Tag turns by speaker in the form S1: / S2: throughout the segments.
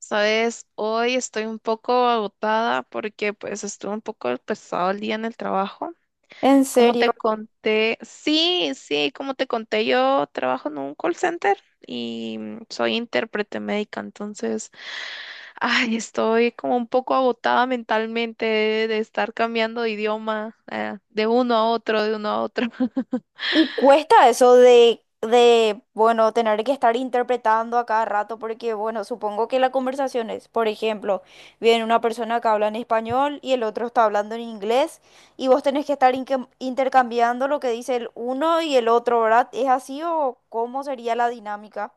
S1: Sabes, hoy estoy un poco agotada porque pues estuve un poco pesado el día en el trabajo.
S2: En
S1: Como
S2: serio.
S1: te conté, sí, sí, como te conté, yo trabajo en un call center y soy intérprete médica, entonces, ay, estoy como un poco agotada mentalmente de estar cambiando de idioma, de uno a otro, de uno a otro.
S2: Y cuesta eso bueno, tener que estar interpretando a cada rato, porque, bueno, supongo que la conversación es, por ejemplo, viene una persona que habla en español y el otro está hablando en inglés, y vos tenés que estar intercambiando lo que dice el uno y el otro, ¿verdad? ¿Es así o cómo sería la dinámica?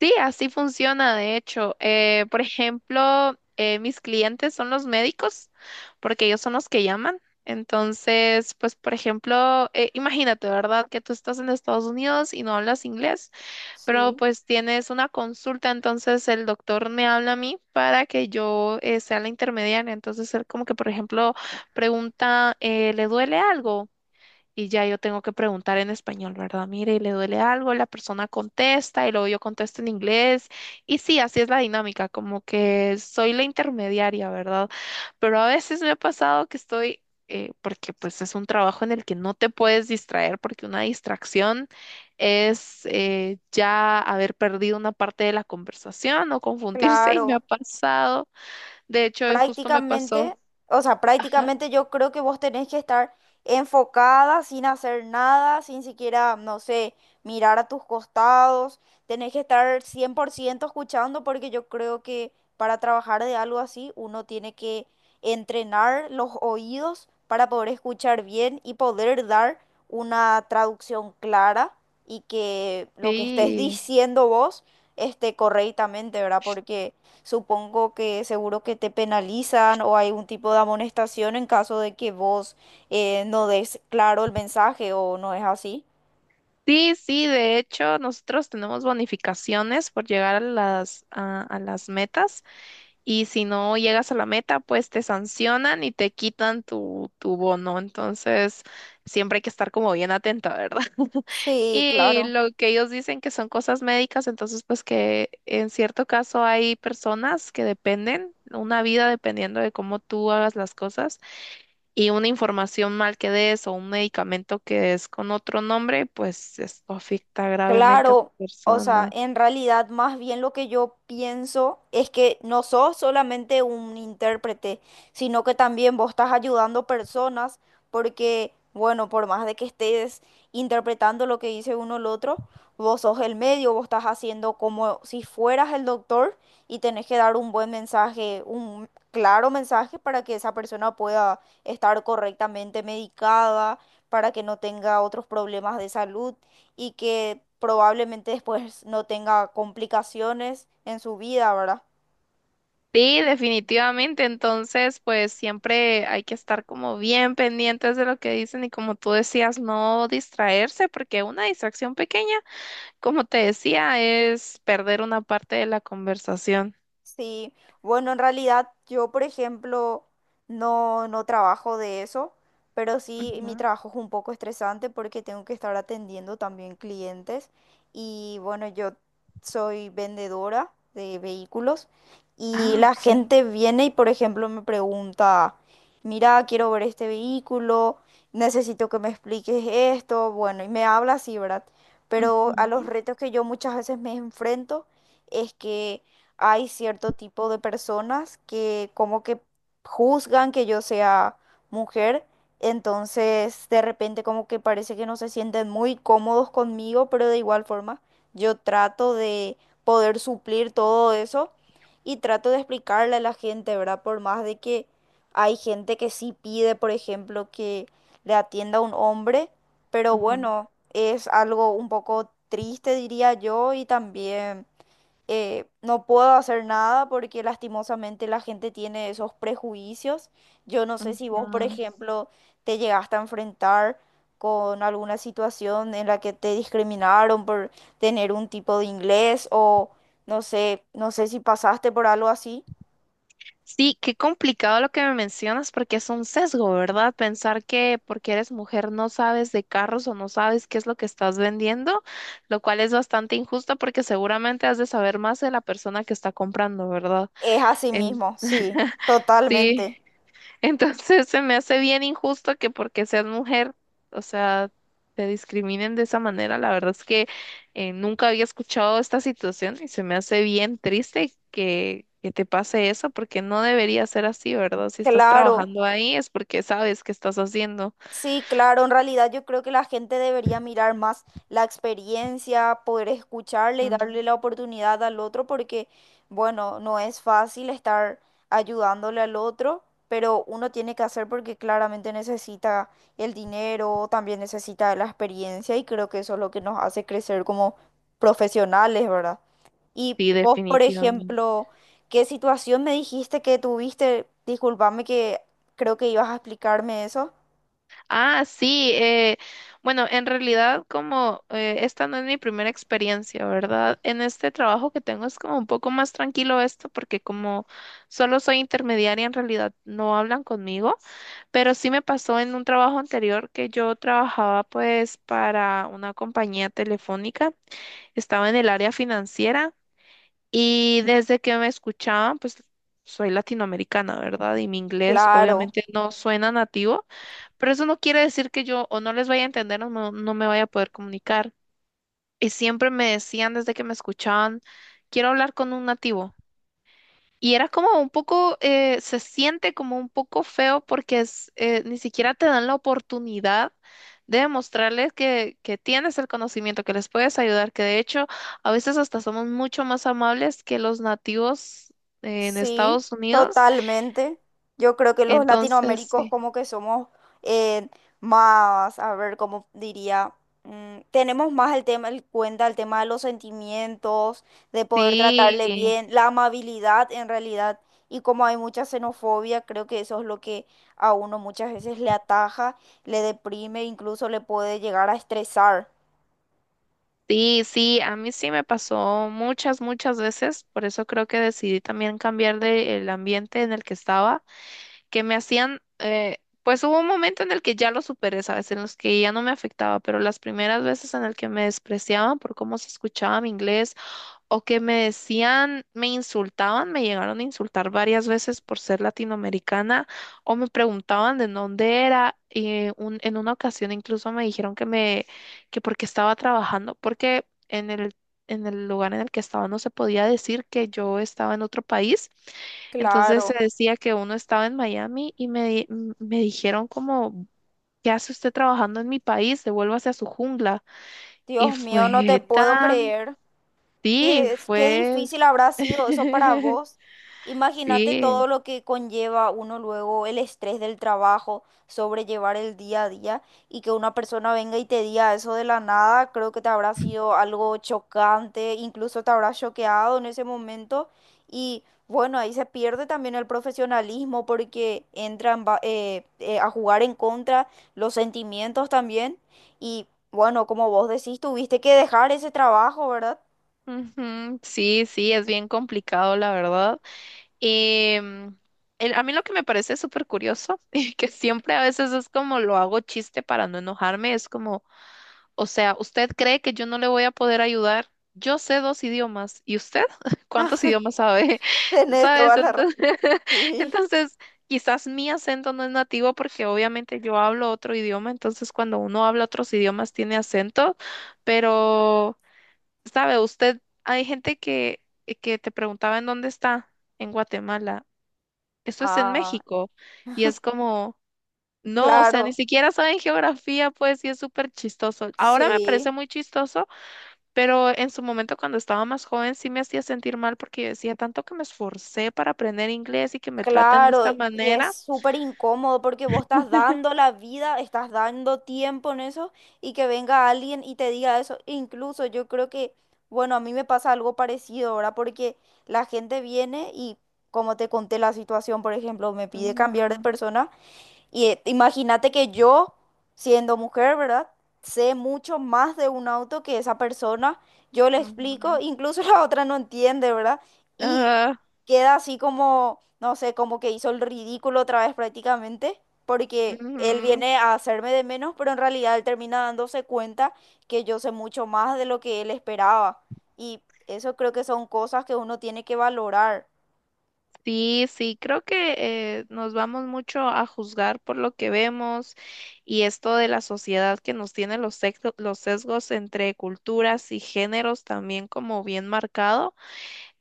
S1: Sí, así funciona, de hecho. Por ejemplo, mis clientes son los médicos, porque ellos son los que llaman. Entonces, pues, por ejemplo, imagínate, ¿verdad? Que tú estás en Estados Unidos y no hablas inglés, pero
S2: Sí.
S1: pues tienes una consulta, entonces el doctor me habla a mí para que yo sea la intermediaria. Entonces, él como que, por ejemplo, pregunta, ¿le duele algo? Y ya yo tengo que preguntar en español, ¿verdad? Mire, y le duele algo, la persona contesta y luego yo contesto en inglés. Y sí, así es la dinámica, como que soy la intermediaria, ¿verdad? Pero a veces me ha pasado que estoy, porque pues es un trabajo en el que no te puedes distraer, porque una distracción es ya haber perdido una parte de la conversación o confundirse y me ha
S2: Claro.
S1: pasado. De hecho, hoy justo me pasó.
S2: Prácticamente, o sea,
S1: Ajá.
S2: prácticamente yo creo que vos tenés que estar enfocada sin hacer nada, sin siquiera, no sé, mirar a tus costados, tenés que estar 100% escuchando porque yo creo que para trabajar de algo así uno tiene que entrenar los oídos para poder escuchar bien y poder dar una traducción clara y que lo que estés
S1: Sí.
S2: diciendo vos esté correctamente, ¿verdad? Porque supongo que seguro que te penalizan o hay un tipo de amonestación en caso de que vos no des claro el mensaje o no es así.
S1: Sí, sí, de hecho, nosotros tenemos bonificaciones por llegar a las metas y si no llegas a la meta, pues te sancionan y te quitan tu bono. Entonces, siempre hay que estar como bien atenta, ¿verdad?
S2: Sí,
S1: Y
S2: claro.
S1: lo que ellos dicen que son cosas médicas, entonces, pues que en cierto caso hay personas que dependen, una vida dependiendo de cómo tú hagas las cosas y una información mal que des o un medicamento que des con otro nombre, pues esto afecta gravemente a tu
S2: Claro, o sea,
S1: persona.
S2: en realidad más bien lo que yo pienso es que no sos solamente un intérprete, sino que también vos estás ayudando personas porque, bueno, por más de que estés interpretando lo que dice uno el otro, vos sos el medio, vos estás haciendo como si fueras el doctor y tenés que dar un buen mensaje, un claro mensaje para que esa persona pueda estar correctamente medicada, para que no tenga otros problemas de salud y que probablemente después no tenga complicaciones en su vida, ¿verdad?
S1: Sí, definitivamente. Entonces, pues siempre hay que estar como bien pendientes de lo que dicen y como tú decías, no distraerse, porque una distracción pequeña, como te decía, es perder una parte de la conversación.
S2: Sí, bueno, en realidad yo, por ejemplo, no trabajo de eso, pero sí
S1: Ujú.
S2: mi trabajo es un poco estresante porque tengo que estar atendiendo también clientes y bueno, yo soy vendedora de vehículos y
S1: Ah,
S2: la
S1: ok.
S2: gente viene y, por ejemplo, me pregunta, mira, quiero ver este vehículo, necesito que me expliques esto, bueno, y me habla así, ¿verdad? Pero a los
S1: Ujú,
S2: retos que yo muchas veces me enfrento es que hay cierto tipo de personas que como que juzgan que yo sea mujer, entonces de repente como que parece que no se sienten muy cómodos conmigo, pero de igual forma yo trato de poder suplir todo eso y trato de explicarle a la gente, ¿verdad? Por más de que hay gente que sí pide, por ejemplo, que le atienda a un hombre, pero
S1: ujú,
S2: bueno, es algo un poco triste, diría yo, y también no puedo hacer nada porque lastimosamente la gente tiene esos prejuicios. Yo no sé si vos, por
S1: ujú.
S2: ejemplo, te llegaste a enfrentar con alguna situación en la que te discriminaron por tener un tipo de inglés o no sé, no sé si pasaste por algo así.
S1: Sí, qué complicado lo que me mencionas porque es un sesgo, ¿verdad? Pensar que porque eres mujer no sabes de carros o no sabes qué es lo que estás vendiendo, lo cual es bastante injusto porque seguramente has de saber más de la persona que está comprando, ¿verdad?
S2: Es así
S1: En-
S2: mismo, sí,
S1: Sí.
S2: totalmente.
S1: Entonces se me hace bien injusto que porque seas mujer, o sea, te discriminen de esa manera. La verdad es que nunca había escuchado esta situación y se me hace bien triste que te pase eso porque no debería ser así, ¿verdad? Si estás
S2: Claro.
S1: trabajando ahí es porque sabes qué estás haciendo.
S2: Sí, claro, en realidad yo creo que la gente debería mirar más la experiencia, poder escucharle y
S1: Mm.
S2: darle la oportunidad al otro porque, bueno, no es fácil estar ayudándole al otro, pero uno tiene que hacer porque claramente necesita el dinero, también necesita la experiencia y creo que eso es lo que nos hace crecer como profesionales, ¿verdad? Y
S1: Sí,
S2: vos, por
S1: definitivamente.
S2: ejemplo, ¿qué situación me dijiste que tuviste? Disculpame que creo que ibas a explicarme eso.
S1: Ah, sí. Bueno, en realidad como esta no es mi primera experiencia, ¿verdad? En este trabajo que tengo es como un poco más tranquilo esto porque como solo soy intermediaria, en realidad no hablan conmigo, pero sí me pasó en un trabajo anterior que yo trabajaba pues para una compañía telefónica, estaba en el área financiera y desde que me escuchaban pues soy latinoamericana, ¿verdad? Y mi inglés
S2: Claro,
S1: obviamente no suena nativo. Pero eso no quiere decir que yo o no les vaya a entender o no me vaya a poder comunicar. Y siempre me decían desde que me escuchaban, quiero hablar con un nativo. Y era como un poco, se siente como un poco feo porque es, ni siquiera te dan la oportunidad de demostrarles que tienes el conocimiento, que les puedes ayudar, que de hecho a veces hasta somos mucho más amables que los nativos, en
S2: sí,
S1: Estados Unidos.
S2: totalmente. Yo creo que los
S1: Entonces,
S2: latinoaméricos
S1: sí.
S2: como que somos eh, más, a ver, cómo diría, mm, tenemos más el tema, el cuenta, el tema de los sentimientos, de poder tratarle
S1: Sí.
S2: bien, la amabilidad en realidad. Y como hay mucha xenofobia, creo que eso es lo que a uno muchas veces le ataja, le deprime, incluso le puede llegar a estresar.
S1: Sí, sí, a mí sí me pasó muchas, muchas veces, por eso creo que decidí también cambiar de el ambiente en el que estaba que me hacían, pues hubo un momento en el que ya lo superé, ¿sabes? En los que ya no me afectaba, pero las primeras veces en el que me despreciaban por cómo se escuchaba mi inglés o que me decían, me insultaban, me llegaron a insultar varias veces por ser latinoamericana o me preguntaban de dónde era. Y en una ocasión incluso me dijeron que me, que porque estaba trabajando, porque en en el lugar en el que estaba no se podía decir que yo estaba en otro país. Entonces se
S2: Claro,
S1: decía que uno estaba en Miami y me, me dijeron como, ¿qué hace usted trabajando en mi país? Devuélvase a su jungla. Y
S2: Dios mío, no te
S1: fue
S2: puedo
S1: tan,
S2: creer.
S1: sí,
S2: Qué, qué
S1: fue,
S2: difícil habrá sido eso para vos. Imagínate
S1: sí,
S2: todo lo que conlleva uno luego el estrés del trabajo, sobrellevar el día a día y que una persona venga y te diga eso de la nada, creo que te habrá sido algo chocante, incluso te habrá choqueado en ese momento y bueno, ahí se pierde también el profesionalismo porque entran a jugar en contra los sentimientos también y bueno, como vos decís, tuviste que dejar ese trabajo, ¿verdad?
S1: ujú, sí, sí, es bien complicado, la verdad. Y a mí lo que me parece súper curioso y que siempre a veces es como lo hago chiste para no enojarme, es como... O sea, ¿usted cree que yo no le voy a poder ayudar? Yo sé dos idiomas. ¿Y usted? ¿Cuántos idiomas sabe?
S2: Tenés toda
S1: ¿Sabes?
S2: la razón.
S1: Entonces,
S2: Sí.
S1: entonces, quizás mi acento no es nativo porque obviamente yo hablo otro idioma. Entonces, cuando uno habla otros idiomas tiene acento. Pero, ¿sabe? Usted, hay gente que te preguntaba en dónde está, en Guatemala. Esto es en
S2: Ah,
S1: México. Y es como... No, o sea, ni
S2: claro.
S1: siquiera saben geografía, pues, y es súper chistoso. Ahora me parece
S2: Sí,
S1: muy chistoso, pero en su momento cuando estaba más joven sí me hacía sentir mal porque yo decía tanto que me esforcé para aprender inglés y que me traten de
S2: claro.
S1: esta
S2: Y es
S1: manera.
S2: súper incómodo porque vos estás dando la vida, estás dando tiempo en eso y que venga alguien y te diga eso. Incluso yo creo que, bueno, a mí me pasa algo parecido ahora porque la gente viene y, como te conté la situación, por ejemplo, me pide
S1: Ujú,
S2: cambiar de persona. Y imagínate que yo, siendo mujer, ¿verdad? Sé mucho más de un auto que esa persona. Yo le explico,
S1: ujú.
S2: incluso la otra no entiende, ¿verdad? Y
S1: Ah,
S2: queda así como, no sé, como que hizo el ridículo otra vez prácticamente, porque él
S1: ujú.
S2: viene a hacerme de menos, pero en realidad él termina dándose cuenta que yo sé mucho más de lo que él esperaba. Y eso creo que son cosas que uno tiene que valorar.
S1: Sí, sí, creo que nos vamos mucho a juzgar por lo que vemos y esto de la sociedad que nos tiene los sesgos entre culturas y géneros también como bien marcado.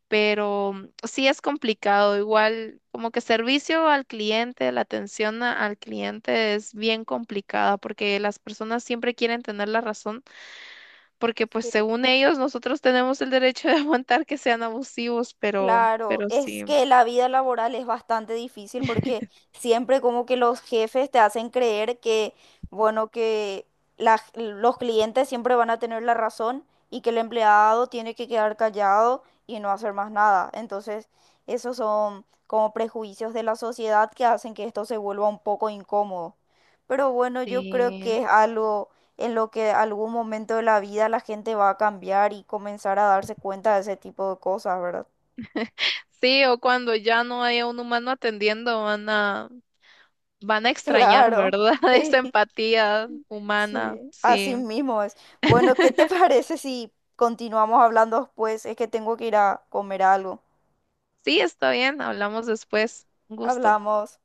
S1: Pero sí es complicado. Igual, como que servicio al cliente, al cliente es bien complicada porque las personas siempre quieren tener la razón, porque pues según ellos nosotros tenemos el derecho de aguantar que sean abusivos,
S2: Claro,
S1: pero
S2: es
S1: sí.
S2: que la vida laboral es bastante difícil porque siempre como que los jefes te hacen creer que, bueno, que la los clientes siempre van a tener la razón y que el empleado tiene que quedar callado y no hacer más nada. Entonces, esos son como prejuicios de la sociedad que hacen que esto se vuelva un poco incómodo. Pero bueno, yo creo
S1: Sí,
S2: que es algo en lo que algún momento de la vida la gente va a cambiar y comenzar a darse cuenta de ese tipo de cosas, ¿verdad?
S1: sí, o cuando ya no haya un humano atendiendo, van a, van a extrañar,
S2: Claro,
S1: ¿verdad? Esa
S2: sí,
S1: empatía humana.
S2: sí,
S1: Sí,
S2: así mismo es. Bueno, ¿qué te parece si continuamos hablando después? Es que tengo que ir a comer algo.
S1: sí, está bien, hablamos después. Un gusto.
S2: Hablamos.